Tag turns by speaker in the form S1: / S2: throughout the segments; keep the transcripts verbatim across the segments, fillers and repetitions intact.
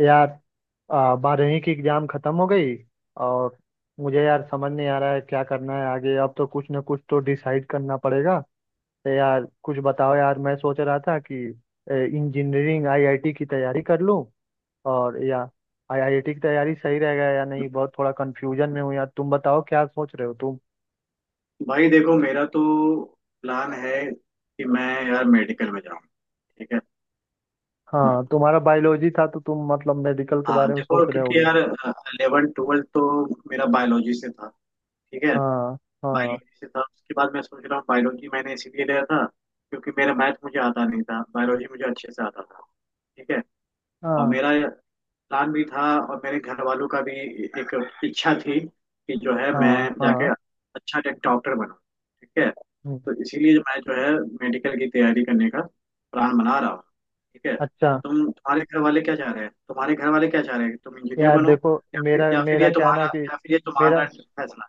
S1: यार आ, बारहवीं की एग्जाम खत्म हो गई। और मुझे यार समझ नहीं आ रहा है क्या करना है आगे। अब तो कुछ ना कुछ तो डिसाइड करना पड़ेगा। तो यार कुछ बताओ यार, मैं सोच रहा था कि इंजीनियरिंग आईआईटी की तैयारी कर लूं। और या आईआईटी की तैयारी सही रहेगा या नहीं, बहुत थोड़ा कंफ्यूजन में हूँ यार। तुम बताओ क्या सोच रहे हो तुम।
S2: भाई देखो, मेरा तो प्लान है कि मैं यार मेडिकल में जाऊँ। ठीक है। हम्म,
S1: हाँ, तुम्हारा बायोलॉजी था तो तुम मतलब मेडिकल के
S2: हाँ
S1: बारे में सोच
S2: देखो
S1: रहे
S2: क्योंकि
S1: होगे।
S2: यार इलेवन ट्वेल्थ तो मेरा बायोलॉजी से था। ठीक है,
S1: हाँ। हाँ।
S2: बायोलॉजी से था, उसके बाद मैं सोच रहा हूँ बायोलॉजी मैंने इसीलिए लिया था क्योंकि मेरा मैथ मुझे आता नहीं था, बायोलॉजी मुझे अच्छे से आता था। ठीक है। और
S1: हाँ।
S2: मेरा प्लान भी था, और मेरे घर वालों का भी एक इच्छा थी कि जो है मैं
S1: हाँ।
S2: जाके
S1: हाँ।
S2: अच्छा एक डॉक्टर बनूं। ठीक है,
S1: हम्म।
S2: तो इसीलिए मैं जो है मेडिकल की तैयारी करने का प्लान बना रहा हूँ। ठीक है। तो
S1: अच्छा।
S2: तुम तुम्हारे घर वाले क्या चाह रहे हैं, तुम्हारे घर वाले क्या चाह रहे हैं कि तुम इंजीनियर
S1: यार
S2: बनो?
S1: देखो,
S2: या फिर
S1: मेरा
S2: या फिर
S1: मेरा
S2: ये
S1: क्या है ना
S2: तुम्हारा
S1: कि
S2: या फिर ये
S1: मेरा
S2: तुम्हारा फैसला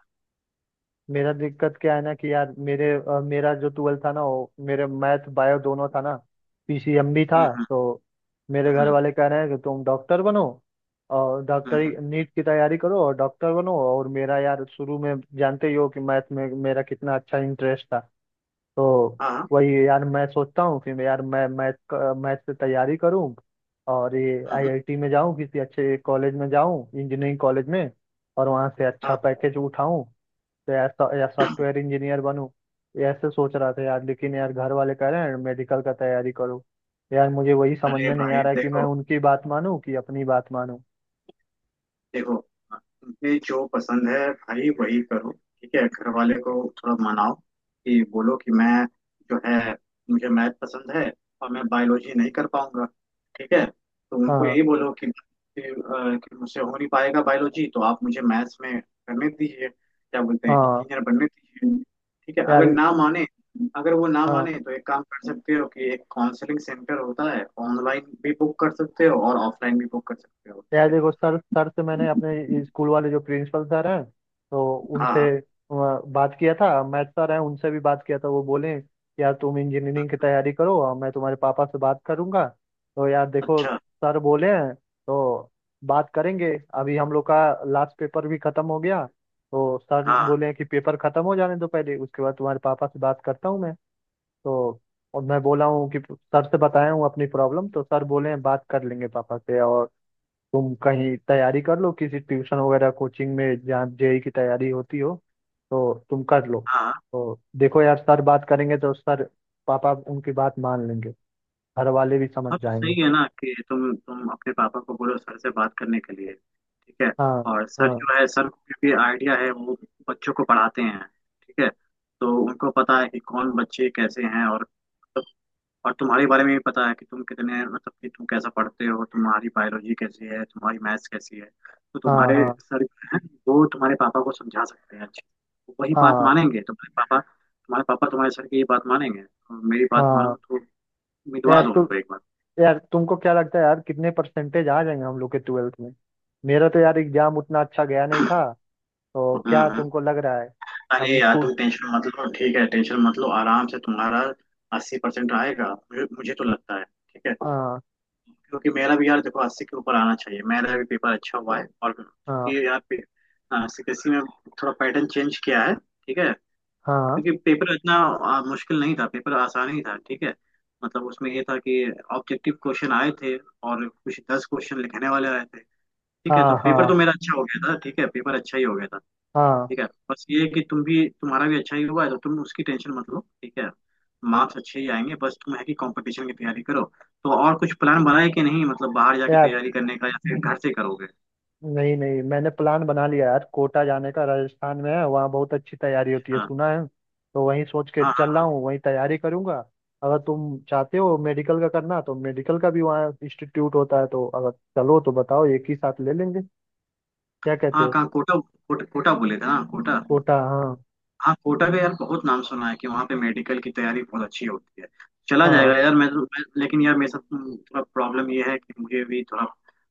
S1: मेरा दिक्कत क्या है ना कि यार मेरे अ, मेरा जो ट्वेल्थ था ना, वो मेरे मैथ बायो दोनों था ना, पीसीएम भी था।
S2: हम्म,
S1: तो मेरे घर
S2: हम्म,
S1: वाले कह रहे हैं कि तुम डॉक्टर बनो, और
S2: हम्म,
S1: डॉक्टरी
S2: हम्म,
S1: नीट की तैयारी करो और डॉक्टर बनो। और मेरा यार, शुरू में जानते ही हो कि मैथ में मेरा कितना अच्छा इंटरेस्ट था। तो
S2: हाँ, हाँ,
S1: वही यार मैं सोचता हूँ कि मैं यार मैं मैथ मैथ से तैयारी करूँ, और ये
S2: हम्म,
S1: आईआईटी में जाऊँ, किसी अच्छे कॉलेज में जाऊँ, इंजीनियरिंग कॉलेज में, और वहाँ से अच्छा
S2: हाँ।
S1: पैकेज उठाऊँ। तो यार सॉ- या सॉफ्टवेयर इंजीनियर बनूँ, ये ऐसे सोच रहा था यार। लेकिन यार घर वाले कह रहे हैं मेडिकल का तैयारी करो। यार मुझे वही समझ
S2: अरे
S1: में नहीं
S2: भाई
S1: आ रहा है कि मैं
S2: देखो,
S1: उनकी बात मानूँ कि अपनी बात मानूँ।
S2: देखो, तुम्हें जो पसंद है भाई वही करो। ठीक है, घर वाले को थोड़ा मनाओ कि बोलो कि मैं जो है मुझे मैथ पसंद है, और मैं बायोलॉजी नहीं कर पाऊंगा। ठीक है, तो उनको
S1: हाँ।
S2: यही बोलो कि, कि, अ, कि मुझसे हो नहीं पाएगा बायोलॉजी, तो आप मुझे मैथ्स में करने दीजिए, क्या बोलते हैं,
S1: हाँ।
S2: इंजीनियर बनने दीजिए। ठीक है, अगर
S1: यार।
S2: ना माने अगर वो ना
S1: हाँ।
S2: माने तो एक काम कर सकते हो कि एक काउंसलिंग सेंटर होता है, ऑनलाइन भी बुक कर सकते हो और ऑफलाइन भी बुक कर सकते हो। ठीक
S1: यार
S2: है।
S1: देखो, सर सर से मैंने अपने स्कूल वाले जो प्रिंसिपल सर हैं तो उनसे
S2: हाँ,
S1: अ, बात किया था। मैथ सर हैं, उनसे भी बात किया था। वो बोले कि यार तुम इंजीनियरिंग की तैयारी करो और मैं तुम्हारे पापा से बात करूंगा। तो यार देखो,
S2: अच्छा,
S1: सर बोले हैं तो बात करेंगे। अभी हम लोग का लास्ट पेपर भी खत्म हो गया, तो सर
S2: हाँ,
S1: बोले हैं कि पेपर खत्म हो जाने दो पहले, उसके बाद तुम्हारे पापा से बात करता हूँ मैं। तो और मैं बोला हूँ कि सर से बताया हूँ अपनी प्रॉब्लम, तो सर बोले हैं बात कर लेंगे पापा से, और तुम कहीं तैयारी कर लो किसी ट्यूशन वगैरह कोचिंग में जहाँ जेई की तैयारी होती हो, तो तुम कर लो।
S2: हाँ,
S1: तो देखो यार, सर बात करेंगे तो सर, पापा उनकी बात मान लेंगे, घर वाले भी समझ
S2: हाँ, तो सही
S1: जाएंगे।
S2: है ना कि तुम तुम अपने पापा को बोलो सर से बात करने के लिए। ठीक है।
S1: हाँ।
S2: और सर
S1: हाँ।
S2: जो है, सर को क्योंकि आइडिया है, वो बच्चों को पढ़ाते हैं। ठीक है, तो उनको पता है कि कौन बच्चे कैसे हैं और मतलब- और तुम्हारे बारे में भी पता है कि तुम कितने मतलब कि तुम कैसा पढ़ते हो, तुम्हारी बायोलॉजी कैसी है, तुम्हारी मैथ्स कैसी है। तो
S1: हाँ।
S2: तुम्हारे
S1: हाँ।
S2: सर जो हैं, वो तुम्हारे पापा को समझा सकते हैं अच्छे। वो वही बात
S1: हाँ।
S2: मानेंगे, तो तुम्हारे पापा तुम्हारे पापा तुम्हारे सर की ये बात मानेंगे। और मेरी बात मानो
S1: हाँ।
S2: तो
S1: यार
S2: उम्मीदवार हो
S1: तु,
S2: उनको एक बार।
S1: यार तुमको क्या लगता है यार, कितने परसेंटेज आ जाएंगे हम लोग के ट्वेल्थ में। मेरा तो यार एग्जाम उतना अच्छा गया नहीं था। तो
S2: हम्म,
S1: क्या
S2: हम्म।
S1: तुमको लग रहा है। अब
S2: अरे यार
S1: स्कूल।
S2: तुम टेंशन मत लो। ठीक है, टेंशन मत लो, आराम से तुम्हारा अस्सी परसेंट आएगा, मुझे मुझे तो लगता है। ठीक है,
S1: हाँ।
S2: क्योंकि मेरा भी यार देखो, अस्सी के ऊपर आना चाहिए, मेरा भी पेपर अच्छा हुआ है। और
S1: हाँ।
S2: क्योंकि यार सी बी एस ई में थोड़ा पैटर्न चेंज किया है। ठीक है,
S1: हाँ।
S2: क्योंकि पेपर इतना आ, मुश्किल नहीं था, पेपर आसान ही था। ठीक है, मतलब उसमें ये था कि ऑब्जेक्टिव क्वेश्चन आए थे और कुछ दस क्वेश्चन लिखने वाले आए थे। ठीक है, तो
S1: हाँ। हाँ।
S2: पेपर तो मेरा अच्छा हो गया था। ठीक है, पेपर अच्छा ही हो गया था।
S1: हाँ।
S2: ठीक है। बस ये है कि तुम भी तुम्हारा भी अच्छा ही हुआ है, तो तुम उसकी टेंशन मत लो। ठीक है, मार्क्स अच्छे ही आएंगे, बस तुम है कि कंपटीशन की तैयारी करो। तो और कुछ प्लान बनाए कि नहीं, मतलब बाहर जाके
S1: यार
S2: तैयारी करने का, या फिर घर से करोगे?
S1: नहीं नहीं, मैंने प्लान बना लिया यार, कोटा जाने का, राजस्थान में है, वहाँ बहुत अच्छी तैयारी होती है
S2: हाँ,
S1: सुना है। तो वहीं सोच के
S2: हाँ, हाँ,
S1: चल रहा
S2: हाँ,
S1: हूँ, वहीं तैयारी करूंगा। अगर तुम चाहते हो मेडिकल का करना, तो मेडिकल का भी वहाँ इंस्टीट्यूट होता है, तो अगर चलो तो बताओ, एक ही साथ ले लेंगे। क्या कहते
S2: हाँ,
S1: हो।
S2: कहाँ? कोटा? कोटा, कोटा बोले थे ना? कोटा।
S1: कोटा, हाँ।
S2: हाँ, कोटा का यार बहुत नाम सुना है कि वहाँ पे मेडिकल की तैयारी बहुत अच्छी होती है। चला
S1: हाँ।
S2: जाएगा यार मैं, तो- मैं, लेकिन यार मेरे साथ हम्म, थोड़ा प्रॉब्लम ये है कि मुझे भी थोड़ा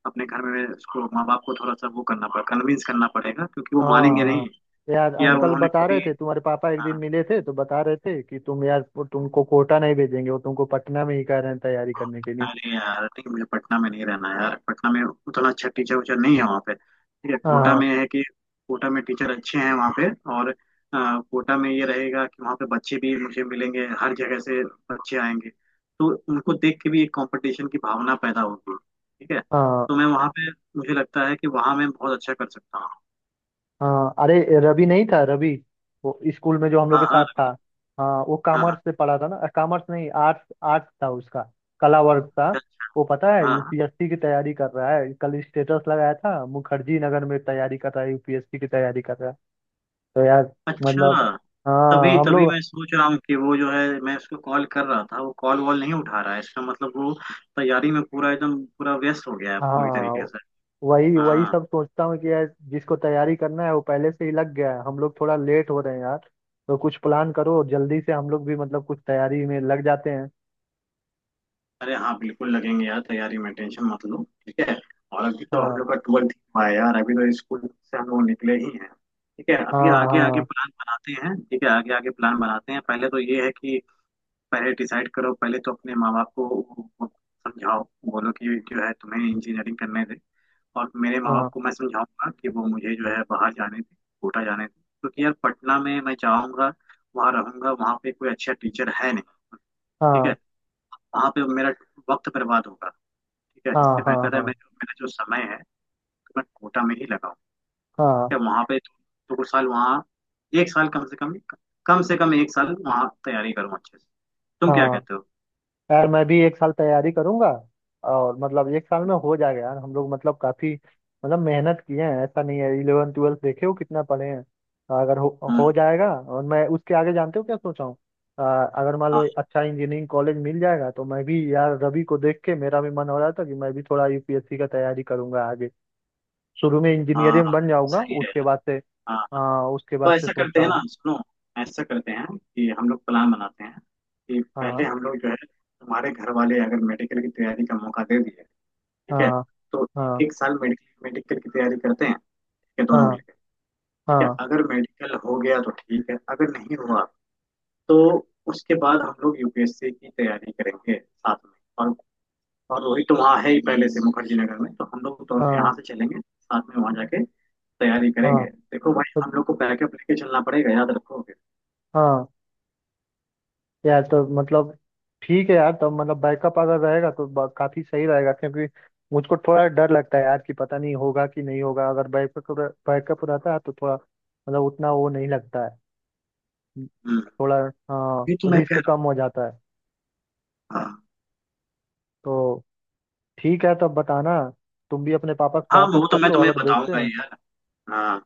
S2: अपने घर में उसको, माँ बाप को थोड़ा सा वो करना पड़ेगा, कन्विंस करना पड़ेगा, क्योंकि वो
S1: हाँ।
S2: मानेंगे
S1: हाँ।
S2: नहीं
S1: यार
S2: कि यार
S1: अंकल
S2: उन्होंने
S1: बता रहे
S2: कभी।
S1: थे, तुम्हारे पापा एक दिन
S2: हाँ,
S1: मिले थे तो बता रहे थे कि तुम यार, वो तुमको कोटा नहीं भेजेंगे, वो तुमको पटना में ही कह रहे हैं तैयारी करने के लिए।
S2: अरे यार ठीक, मुझे पटना में नहीं रहना है यार, पटना में उतना अच्छा टीचर उचर नहीं है वहाँ पे। ठीक है, कोटा
S1: हाँ।
S2: में है कि कोटा में टीचर अच्छे हैं वहाँ पे। और अ, कोटा में ये रहेगा कि वहाँ पे बच्चे भी मुझे मिलेंगे हर जगह से, बच्चे आएंगे, तो उनको देख के भी एक कंपटीशन की भावना पैदा होगी। ठीक है,
S1: हाँ।
S2: तो मैं वहाँ पे, मुझे लगता है कि वहाँ मैं बहुत अच्छा कर सकता हूँ।
S1: हाँ। अरे रवि नहीं था, रवि, वो स्कूल में जो हम लोग के
S2: हाँ, हाँ,
S1: साथ था। हाँ वो
S2: हाँ, हाँ,
S1: कॉमर्स से पढ़ा था ना, कॉमर्स नहीं आर्ट्स, आर्ट्स था उसका, कला वर्ग था
S2: अच्छा,
S1: वो। पता है
S2: हाँ, हाँ।
S1: यूपीएससी की तैयारी कर रहा है, कल स्टेटस लगाया था, मुखर्जी नगर में तैयारी कर रहा है, यूपीएससी की तैयारी कर रहा है। तो यार मतलब,
S2: अच्छा, तभी
S1: हाँ हम
S2: तभी
S1: लोग,
S2: मैं सोच रहा हूँ कि वो जो है मैं उसको कॉल कर रहा था, वो कॉल वॉल नहीं उठा रहा है, इसका मतलब वो तैयारी में पूरा एकदम पूरा व्यस्त हो गया है पूरी
S1: हाँ,
S2: तरीके से।
S1: वही वही
S2: हाँ,
S1: सब सोचता हूँ कि यार जिसको तैयारी करना है वो पहले से ही लग गया है, हम लोग थोड़ा लेट हो रहे हैं यार। तो कुछ प्लान करो जल्दी से, हम लोग भी मतलब कुछ तैयारी में लग जाते हैं।
S2: अरे हाँ, बिल्कुल लगेंगे यार तैयारी में, टेंशन मत लो। ठीक है, और अभी तो हम
S1: हाँ।
S2: लोग का ट्वेल्थ हुआ है यार, अभी तो स्कूल से हम लोग निकले ही हैं। ठीक है, अभी आगे आगे
S1: हाँ।
S2: प्लान बनाते हैं। ठीक है, आगे आगे प्लान बनाते हैं, पहले तो ये है कि पहले डिसाइड करो, पहले तो अपने माँ बाप को वो- वो समझाओ, बोलो कि जो है तुम्हें इंजीनियरिंग करने दे। और मेरे माँ बाप
S1: हाँ।
S2: को मैं समझाऊंगा कि वो मुझे जो है बाहर जाने दें, कोटा जाने दें। क्योंकि यार पटना में मैं जाऊंगा, वहाँ रहूंगा, वहाँ पे कोई अच्छा टीचर है नहीं। ठीक है,
S1: हाँ।
S2: वहाँ पे मेरा वक्त बर्बाद होगा। ठीक है,
S1: हाँ।
S2: इससे
S1: हाँ।
S2: बेहतर है
S1: हाँ।
S2: मैं जो मेरा जो समय है, तो मैं कोटा में ही लगाऊँ। ठीक
S1: हाँ।
S2: है, वहाँ पे दो, दो साल वहाँ, एक साल कम से कम कम से कम एक साल वहाँ तैयारी करूँ अच्छे से। तुम क्या
S1: हाँ।
S2: कहते हो?
S1: यार मैं भी एक साल तैयारी करूंगा। और मतलब एक साल में हो जाएगा यार, हम लोग मतलब काफी मतलब मेहनत किए हैं, ऐसा नहीं है, इलेवन ट्वेल्थ देखे हो कितना पढ़े हैं, अगर हो हो
S2: हम्म,
S1: जाएगा। और मैं उसके आगे जानते हो क्या सोचा हूँ, अ, अगर मान
S2: हाँ,
S1: लो अच्छा इंजीनियरिंग कॉलेज मिल जाएगा, तो मैं भी यार रवि को देख के मेरा भी मन हो रहा था कि मैं भी थोड़ा यूपीएससी का तैयारी करूंगा आगे। शुरू में
S2: हाँ,
S1: इंजीनियरिंग बन जाऊंगा,
S2: सही है।
S1: उसके बाद से।
S2: हाँ,
S1: हाँ उसके
S2: तो
S1: बाद से
S2: ऐसा करते
S1: सोचा
S2: हैं
S1: हूँ।
S2: ना, सुनो, ऐसा करते हैं कि हम लोग प्लान बनाते हैं कि पहले
S1: हाँ।
S2: हम लोग जो है तुम्हारे घर वाले अगर मेडिकल की तैयारी का मौका दे दिए। ठीक है,
S1: हाँ।
S2: तो एक
S1: हाँ।
S2: एक साल मेडिकल मेडिकल की तैयारी करते हैं। ठीक है, दोनों
S1: हाँ।
S2: मिलकर। ठीक है,
S1: हाँ।
S2: अगर मेडिकल हो गया तो ठीक है, अगर नहीं हुआ तो उसके बाद हम लोग यू पी एस सी की तैयारी करेंगे साथ में। और और रोहित तो वहाँ है ही पहले से मुखर्जी नगर में, तो हम लोग दोनों
S1: हाँ।
S2: यहाँ से चलेंगे साथ में वहाँ जाके तैयारी करेंगे।
S1: हाँ
S2: देखो भाई
S1: तो
S2: हम लोग को बैकअप लेके चलना पड़ेगा, याद रखो।
S1: हाँ यार, तो मतलब ठीक है यार। तो मतलब बैकअप अगर रहेगा तो ब- काफी सही रहेगा, क्योंकि मुझको थोड़ा डर लगता है यार कि पता नहीं होगा कि नहीं होगा। अगर बैकअप बैकअप रहता है तो थोड़ा मतलब उतना वो नहीं लगता है, थोड़ा,
S2: ये तो
S1: हाँ,
S2: मैं कह
S1: रिस्क
S2: रहा
S1: कम हो जाता है।
S2: हूँ। हाँ,
S1: तो ठीक है, तब बताना। तुम भी अपने पापा से
S2: हाँ,
S1: बात उत
S2: वो तो
S1: कर
S2: मैं
S1: लो
S2: तुम्हें
S1: अगर बेचते
S2: बताऊंगा
S1: हैं।
S2: ही यार। हाँ,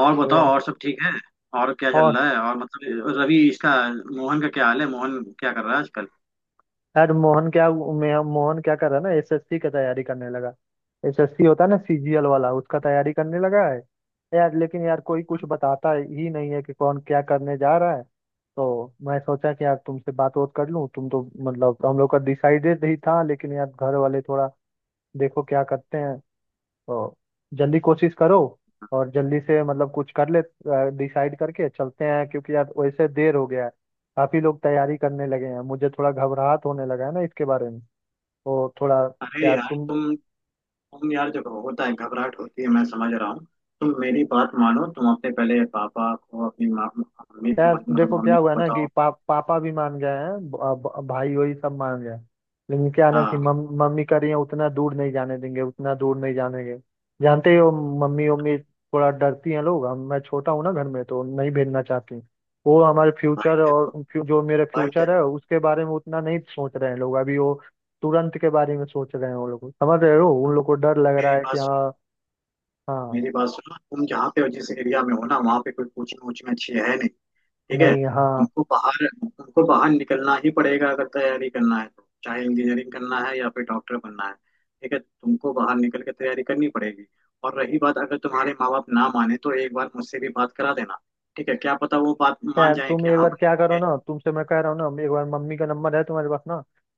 S2: और बताओ,
S1: तो,
S2: और सब ठीक है? और क्या
S1: और
S2: चल रहा है? और मतलब, रवि इसका मोहन का क्या हाल है? मोहन क्या कर रहा है आजकल?
S1: यार मोहन क्या, मैं मोहन क्या कर रहा है ना, एसएससी का तैयारी करने लगा। एसएससी होता है ना सीजीएल वाला, उसका तैयारी करने लगा है। यार लेकिन यार कोई कुछ बताता ही नहीं है कि कौन क्या करने जा रहा है। तो मैं सोचा कि यार तुमसे बात वोत कर लूं, तुम तो मतलब हम लोग का डिसाइडेड ही था, लेकिन यार घर वाले थोड़ा, देखो क्या करते हैं। तो जल्दी कोशिश करो, और जल्दी से मतलब कुछ कर ले, डिसाइड करके चलते हैं, क्योंकि यार वैसे देर हो गया है, काफी लोग तैयारी करने लगे हैं, मुझे थोड़ा घबराहट होने लगा है ना इसके बारे में। तो थोड़ा,
S2: अरे
S1: यार
S2: यार
S1: तुम,
S2: तुम तुम यार जब होता है घबराहट होती है, मैं समझ रहा हूँ। तुम मेरी बात मानो, तुम अपने पहले पापा को, अपनी माँ मम्मी
S1: यार
S2: मतलब
S1: देखो क्या
S2: मम्मी
S1: हुआ
S2: को
S1: ना कि
S2: बताओ।
S1: पा, पापा भी मान गए हैं, ब- ब- भाई वही सब मान गए। लेकिन क्या ना कि
S2: हाँ
S1: मम, मम्मी कह रही है उतना दूर नहीं जाने देंगे, उतना दूर नहीं जाने देंगे, जानते ही हो मम्मी उम्मी थोड़ा डरती हैं लोग, हम मैं छोटा हूँ ना घर में तो नहीं भेजना चाहती। वो हमारे
S2: भाई
S1: फ्यूचर और
S2: देखो,
S1: फ्यू- जो मेरा
S2: भाई
S1: फ्यूचर
S2: देखो,
S1: है उसके बारे में उतना नहीं सोच रहे हैं लोग, अभी वो तुरंत के बारे में सोच रहे हैं। वो लोग समझ रहे हो, उन लोग को डर लग रहा
S2: मेरी
S1: है कि,
S2: बात सुनो,
S1: हाँ। हाँ।
S2: मेरी बात सुनो, तुम जहाँ पे जिस एरिया में हो ना, वहाँ पे कोई कोचिंग वोचिंग अच्छी है नहीं। ठीक है,
S1: नहीं। हाँ।
S2: तुमको बाहर तुमको बाहर निकलना ही पड़ेगा अगर तैयारी करना है तो, चाहे इंजीनियरिंग करना है या फिर डॉक्टर बनना है। ठीक है, तुमको बाहर निकल के तैयारी करनी पड़ेगी। और रही बात, अगर तुम्हारे माँ बाप ना माने तो एक बार मुझसे भी बात करा देना। ठीक है, क्या पता वो बात मान
S1: यार
S2: जाए
S1: तुम
S2: कि
S1: एक
S2: हाँ
S1: बार
S2: भाई
S1: क्या करो
S2: ये-
S1: ना, तुमसे मैं कह रहा हूँ ना, एक बार मम्मी का नंबर है तुम्हारे पास ना,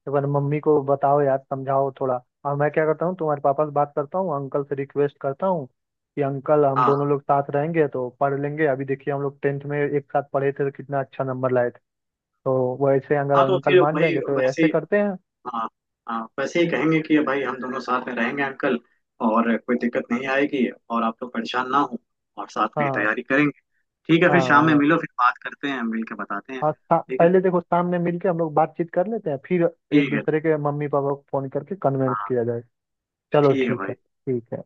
S1: एक बार मम्मी को बताओ यार, समझाओ थोड़ा। और मैं क्या करता हूँ, तुम्हारे पापा से बात करता हूँ, अंकल से रिक्वेस्ट करता हूँ कि अंकल हम दोनों
S2: हाँ,
S1: लोग साथ रहेंगे तो पढ़ लेंगे, अभी देखिए हम लोग टेंथ में एक साथ पढ़े थे तो कितना अच्छा नंबर लाए थे। तो वैसे अगर
S2: हाँ, तो
S1: अंकल
S2: फिर
S1: मान
S2: वही
S1: जाएंगे तो
S2: वैसे
S1: ऐसे
S2: ही,
S1: करते हैं।
S2: हाँ, हाँ, वैसे ही कहेंगे कि भाई हम दोनों साथ में रहेंगे अंकल, और कोई दिक्कत नहीं आएगी, और आप तो परेशान ना हो, और साथ में ही
S1: हाँ।
S2: तैयारी करेंगे। ठीक है,
S1: हाँ।
S2: फिर शाम में
S1: हाँ।
S2: मिलो, फिर बात करते हैं, मिल के बताते हैं
S1: और सा-
S2: फिर। ठीक है।
S1: पहले देखो सामने मिलके हम लोग बातचीत कर लेते हैं फिर। एक
S2: ठीक है,
S1: दूसरे के मम्मी पापा को फोन करके कन्वेंस
S2: हाँ,
S1: किया जाए। चलो
S2: ठीक है
S1: ठीक है,
S2: भाई।
S1: ठीक है।